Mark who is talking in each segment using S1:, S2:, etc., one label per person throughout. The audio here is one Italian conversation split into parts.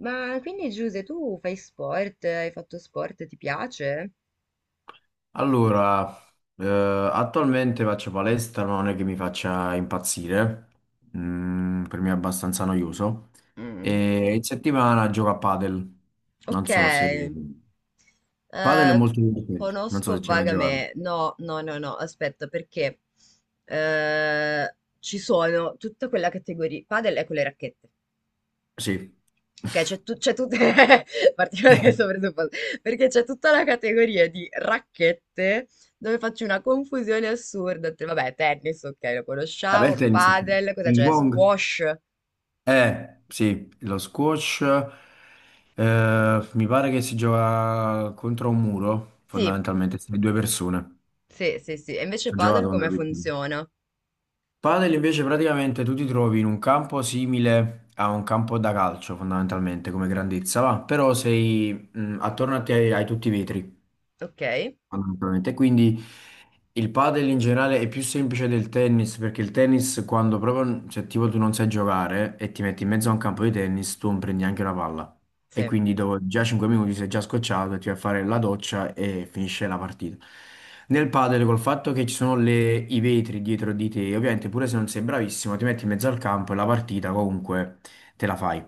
S1: Ma quindi Giuse, tu fai sport? Hai fatto sport? Ti piace?
S2: Allora, eh, attualmente faccio palestra, ma non è che mi faccia impazzire. Mm, per me è abbastanza noioso.
S1: Mm.
S2: E in settimana gioco a padel, non
S1: Ok,
S2: so se... Padel è molto divertente, non so
S1: conosco
S2: se ci hai mai giocato.
S1: vagamente. No, no, no, no, aspetta, perché ci sono tutta quella categoria. Padel è con le racchette.
S2: Sì.
S1: Ok, c'è tutta. Partiamo da questo presupposto. Perché c'è tutta la categoria di racchette dove faccio una confusione assurda. Vabbè, tennis, ok, lo
S2: Vabbè, il
S1: conosciamo.
S2: tennis, ok.
S1: Padel, cosa
S2: Ping
S1: c'è?
S2: pong.
S1: Squash?
S2: Eh sì, lo squash, mi pare che si gioca contro un muro,
S1: Sì.
S2: fondamentalmente, se due persone.
S1: Sì, sì, sì. E invece
S2: Ci ho giocato
S1: padel
S2: quando
S1: come
S2: ero piccolo.
S1: funziona?
S2: Padel invece praticamente tu ti trovi in un campo simile a un campo da calcio fondamentalmente come grandezza, va, però sei attorno a te hai tutti i vetri,
S1: Ok,
S2: fondamentalmente. Quindi il padel in generale è più semplice del tennis perché il tennis quando proprio, cioè tipo tu non sai giocare e ti metti in mezzo a un campo di tennis, tu non prendi neanche una palla. E
S1: sì,
S2: quindi dopo già 5 minuti sei già scocciato e ti vai a fare la doccia e finisce la partita. Nel padel col fatto che ci sono i vetri dietro di te, ovviamente pure se non sei bravissimo ti metti in mezzo al campo e la partita comunque te la fai.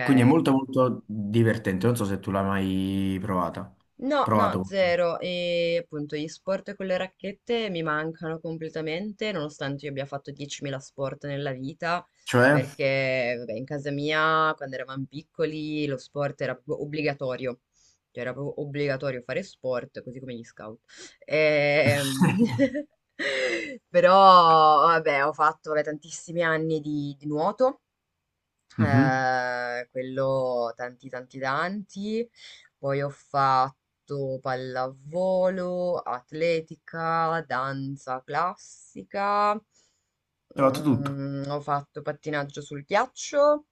S2: Quindi è molto molto divertente, non so se tu l'hai mai provata.
S1: No, no,
S2: Provato.
S1: zero. E appunto gli sport con le racchette mi mancano completamente, nonostante io abbia fatto 10.000 sport nella vita,
S2: Cioè,
S1: perché vabbè, in casa mia, quando eravamo piccoli, lo sport era proprio obbligatorio. Cioè, era proprio obbligatorio fare sport, così come gli scout. Ehm, Però, vabbè, ho fatto vabbè, tantissimi anni di nuoto.
S2: mhm.
S1: Quello tanti tanti tanti. Poi ho fatto pallavolo, atletica, danza classica,
S2: Ho fatto tutto.
S1: mm, ho fatto pattinaggio sul ghiaccio.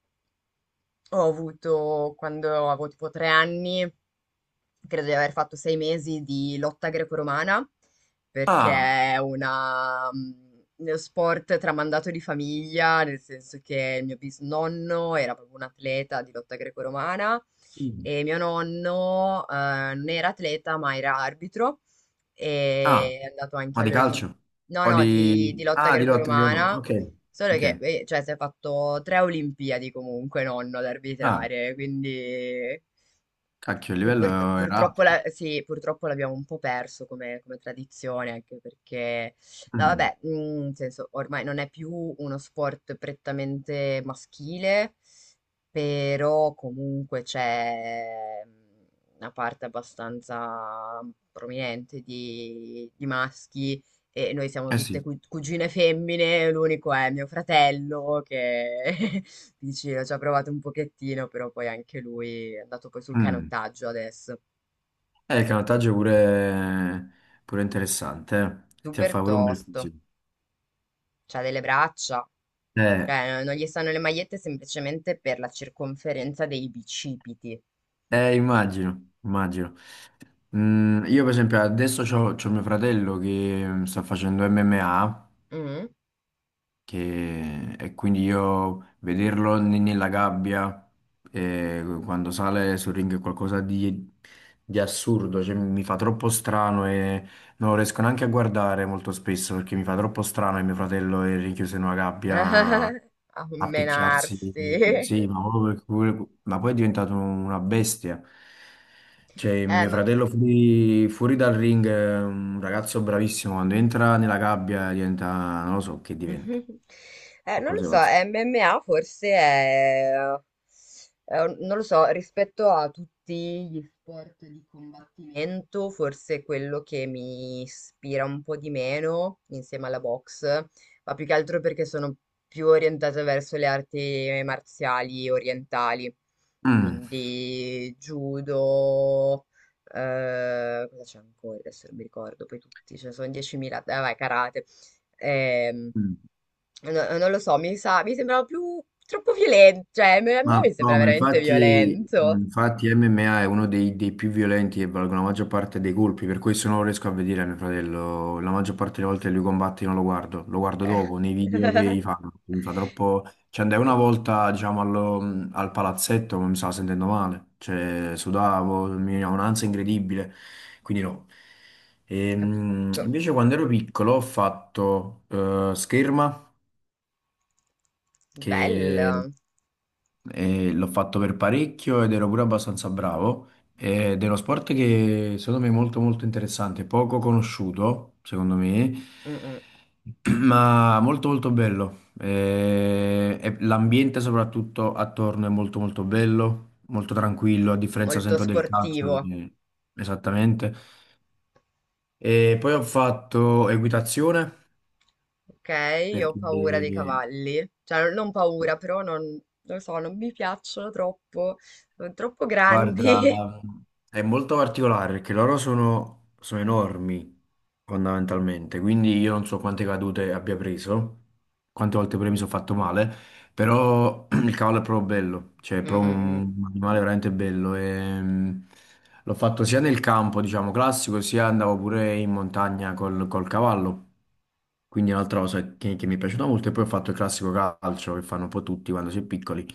S1: Ho avuto, quando avevo tipo tre anni, credo di aver fatto sei mesi di lotta greco-romana, perché
S2: Ah,
S1: è una, uno sport tramandato di famiglia, nel senso che il mio bisnonno era proprio un atleta di lotta greco-romana
S2: mm.
S1: e mio nonno non era atleta ma era arbitro
S2: Ah,
S1: e è andato anche
S2: ma di
S1: alle Olim-
S2: calcio?
S1: No,
S2: O
S1: no, di
S2: di...
S1: lotta
S2: Ah, di lotta di valore.
S1: greco-romana,
S2: Ok,
S1: solo che
S2: ok.
S1: cioè, si è fatto tre Olimpiadi comunque nonno ad
S2: Ah,
S1: arbitrare, quindi...
S2: cacchio, il
S1: E
S2: livello era
S1: purtroppo,
S2: alto.
S1: sì, purtroppo l'abbiamo un po' perso come, come tradizione, anche perché, no,
S2: Mm.
S1: vabbè, nel senso, ormai non è più uno sport prettamente maschile, però comunque c'è una parte abbastanza prominente di maschi e noi siamo
S2: Eh
S1: tutte
S2: sì.
S1: cugine femmine, l'unico è mio fratello che vicino ci ha provato un pochettino, però poi anche lui è andato poi sul
S2: Mm.
S1: canottaggio adesso.
S2: Il canottaggio è pure... pure interessante, eh. Ti
S1: Super
S2: fa pure un bel
S1: tosto,
S2: fisico.
S1: c'ha delle braccia,
S2: Eh,
S1: cioè non gli stanno le magliette semplicemente per la circonferenza dei bicipiti.
S2: immagino, immagino. Mm, io per esempio adesso c'ho mio fratello che mm, sta facendo MMA
S1: Mm.
S2: e quindi io vederlo nella gabbia, quando sale sul ring è qualcosa di assurdo, cioè, mi fa troppo strano e non lo riesco neanche a guardare molto spesso perché mi fa troppo strano che mio fratello è rinchiuso in una gabbia
S1: A
S2: a
S1: menarsi.
S2: picchiarsi, sì, ma, proprio perché ma poi è diventato una bestia. Cioè, mio
S1: Ma
S2: fratello fuori, fuori dal ring è un ragazzo bravissimo, quando entra nella gabbia diventa, non lo so che diventa
S1: Non lo
S2: qualcosa
S1: so,
S2: va.
S1: MMA forse è, non lo so, rispetto a tutti gli sport di combattimento, forse quello che mi ispira un po' di meno insieme alla box, ma più che altro perché sono più orientata verso le arti marziali orientali,
S2: Mm.
S1: quindi judo, cosa c'è ancora? Adesso non mi ricordo, poi tutti, ce ne sono 10.000, dai, vai, karate. Ehm,
S2: Mm.
S1: No, non lo so, mi sa, mi sembrava più troppo violento, cioè a me
S2: Ma
S1: mi
S2: no,
S1: sembra
S2: ma
S1: veramente
S2: infatti,
S1: violento.
S2: infatti MMA è uno dei più violenti e valgono la maggior parte dei colpi, per questo non lo riesco a vedere a mio fratello. La maggior parte delle volte lui combatte io non lo guardo, lo guardo
S1: Eh.
S2: dopo nei video che gli fanno. Mi fa troppo. Ci andai una volta, diciamo, al palazzetto, ma mi stavo sentendo male, cioè sudavo, mi veniva un'ansia incredibile, quindi no.
S1: Capisco.
S2: Invece quando ero piccolo ho fatto scherma. Che
S1: Bello.
S2: e l'ho fatto per parecchio ed ero pure abbastanza bravo. Ed è uno sport che secondo me è molto molto interessante, poco conosciuto, secondo me,
S1: Mm, mm.
S2: ma molto molto bello. E l'ambiente soprattutto attorno è molto molto bello, molto tranquillo, a differenza
S1: Molto
S2: sempre del calcio,
S1: sportivo.
S2: quindi- esattamente. E poi ho fatto equitazione
S1: Ok, io ho
S2: perché...
S1: paura dei cavalli. Cioè, non paura, però non lo so, non mi piacciono troppo. Sono troppo grandi.
S2: Guarda, è molto particolare perché loro sono enormi fondamentalmente, quindi io non so quante cadute abbia preso, quante volte pure mi sono fatto male, però il cavallo è proprio bello, cioè è
S1: Mm,
S2: proprio
S1: mm, mm.
S2: un animale veramente bello. E, l'ho fatto sia nel campo, diciamo, classico, sia andavo pure in montagna col cavallo, quindi è un'altra cosa che mi è piaciuta molto e poi ho fatto il classico calcio che fanno un po' tutti quando si è piccoli.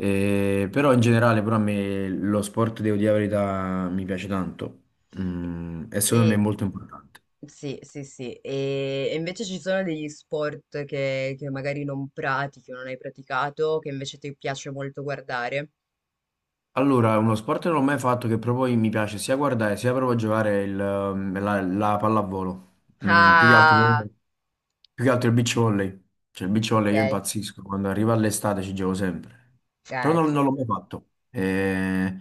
S2: Però in generale, però a me lo sport, devo dire la verità, mi piace tanto. Mm, e secondo me è
S1: E,
S2: molto importante.
S1: sì, sì, sì. E invece ci sono degli sport che magari non pratichi o non hai praticato, che invece ti piace molto guardare.
S2: Allora, uno sport che non ho mai fatto che proprio mi piace sia guardare sia proprio giocare la pallavolo. Mm,
S1: Ah,
S2: più che altro il beach volley. Cioè, il beach
S1: ok.
S2: volley io impazzisco. Quando arriva l'estate ci gioco sempre. Però
S1: Ci
S2: non l'ho
S1: sta.
S2: mai fatto. Eh,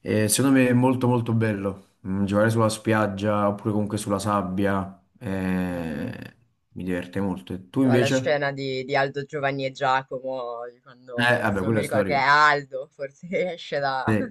S2: eh, Secondo me è molto molto bello. Mm, giocare sulla spiaggia oppure comunque sulla sabbia.
S1: Mm, mm.
S2: Mi diverte molto. E tu
S1: La
S2: invece?
S1: scena di Aldo, Giovanni e Giacomo, di quando
S2: Vabbè,
S1: adesso non mi
S2: quella è
S1: ricordo che è
S2: storica.
S1: Aldo, forse esce da,
S2: Sì,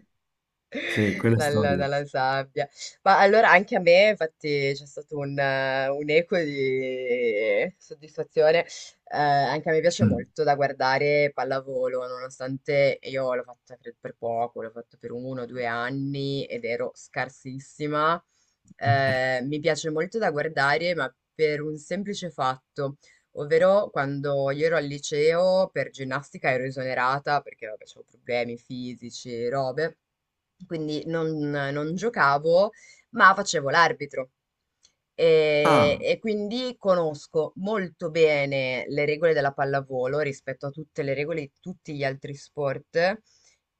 S2: sì, quella è
S1: dalla,
S2: storica.
S1: dalla sabbia. Ma allora anche a me, infatti, c'è stato un eco di soddisfazione. Anche a me piace
S2: Mm.
S1: molto da guardare pallavolo, nonostante io l'ho fatta credo, per poco, l'ho fatto per uno o due anni ed ero scarsissima. Mi piace molto da guardare, ma per un semplice fatto. Ovvero quando io ero al liceo per ginnastica ero esonerata perché vabbè, avevo problemi fisici e robe, quindi non giocavo, ma facevo l'arbitro.
S2: Ah.
S1: E quindi conosco molto bene le regole della pallavolo rispetto a tutte le regole di tutti gli altri sport.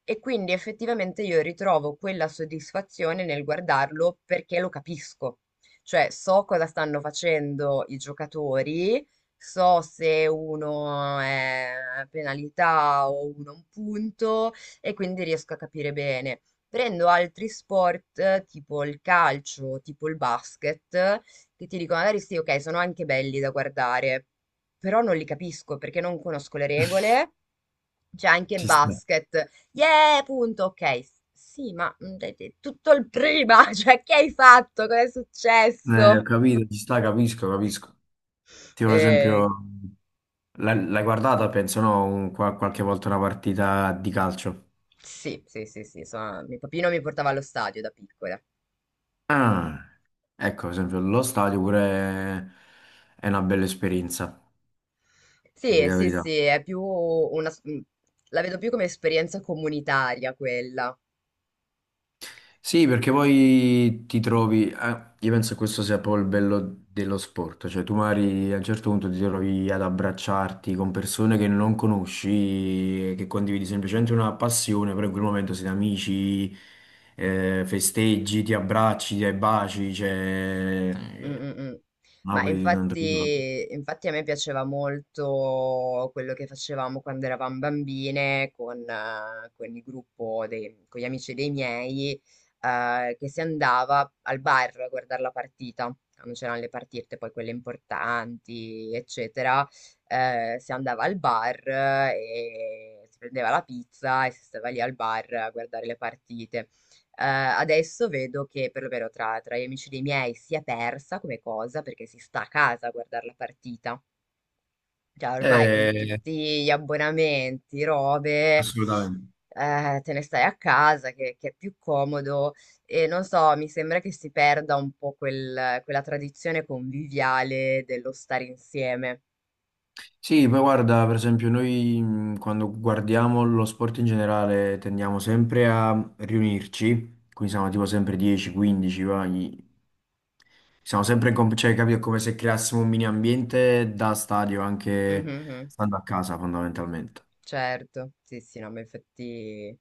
S1: E quindi effettivamente io ritrovo quella soddisfazione nel guardarlo perché lo capisco. Cioè, so cosa stanno facendo i giocatori. So se uno è penalità o uno un punto e quindi riesco a capire bene. Prendo altri sport tipo il calcio, tipo il basket, che ti dico magari sì, ok, sono anche belli da guardare, però non li capisco perché non conosco le regole. C'è anche
S2: Ci sta.
S1: basket. Yeah, punto, ok. Sì, ma mm, dai, dai, tutto il prima, cioè che hai fatto? Cosa è
S2: Ho
S1: successo?
S2: capito, ci sta, capisco, capisco. Tipo, ad
S1: Eh,
S2: esempio, l'hai guardata, penso, no? Qualche volta una partita di calcio.
S1: sì, sì, sì, sì, mio papino mi portava allo stadio da piccola.
S2: Ah, ecco, ad esempio, lo stadio pure è una bella esperienza, di
S1: Sì,
S2: la
S1: sì,
S2: verità.
S1: sì, è più una... mm, la vedo più come esperienza comunitaria quella.
S2: Sì, perché poi ti trovi, io penso che questo sia poi il bello dello sport, cioè tu magari a un certo punto ti trovi ad abbracciarti con persone che non conosci, che condividi semplicemente una passione, però in quel momento siete amici, festeggi, ti abbracci, ti dai baci,
S1: Mh,
S2: cioè...
S1: mh, mh. Ma
S2: Napoli non ti dico.
S1: infatti a me piaceva molto quello che facevamo quando eravam bambine con il gruppo dei con gli amici dei miei, che si andava al bar a guardar la partita, quando c'eran le partite, poi quelle importanti, eccetera, si andava al bar e si prendeva la pizza e si stava lì al bar a guardare le partite. Ehm, adesso vedo che perlomeno tra gli amici dei miei si è persa come cosa, perché si sta a casa a guardar la partita. Cioè ormai con
S2: Eh,
S1: tutti gli abbonamenti, robe,
S2: assolutamente.
S1: te ne stai a casa che è più comodo e non so, mi sembra che si perda un po' quella tradizione conviviale dello stare insieme.
S2: Sì, poi guarda, per esempio, noi quando guardiamo lo sport in generale tendiamo sempre a riunirci, quindi siamo tipo sempre 10, 15, vai. Siamo sempre in cioè, capito, è come se creassimo un mini ambiente da stadio
S1: Mhm,
S2: anche
S1: mhm.
S2: stando a casa fondamentalmente.
S1: Certo, sì, sì, no, ma infatti...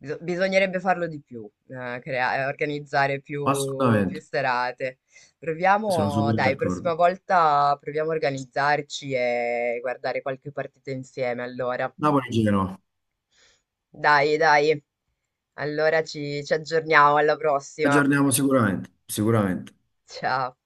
S1: Bisognerebbe farlo di più, organizzare più
S2: Assolutamente,
S1: serate.
S2: sono
S1: Proviamo,
S2: super
S1: dai,
S2: d'accordo.
S1: prossima volta proviamo a organizzarci e guardare qualche partita insieme, allora.
S2: Napoli-Genoa,
S1: Dai, dai, allora ci aggiorniamo, alla prossima.
S2: aggiorniamo sicuramente, sicuramente.
S1: Ciao.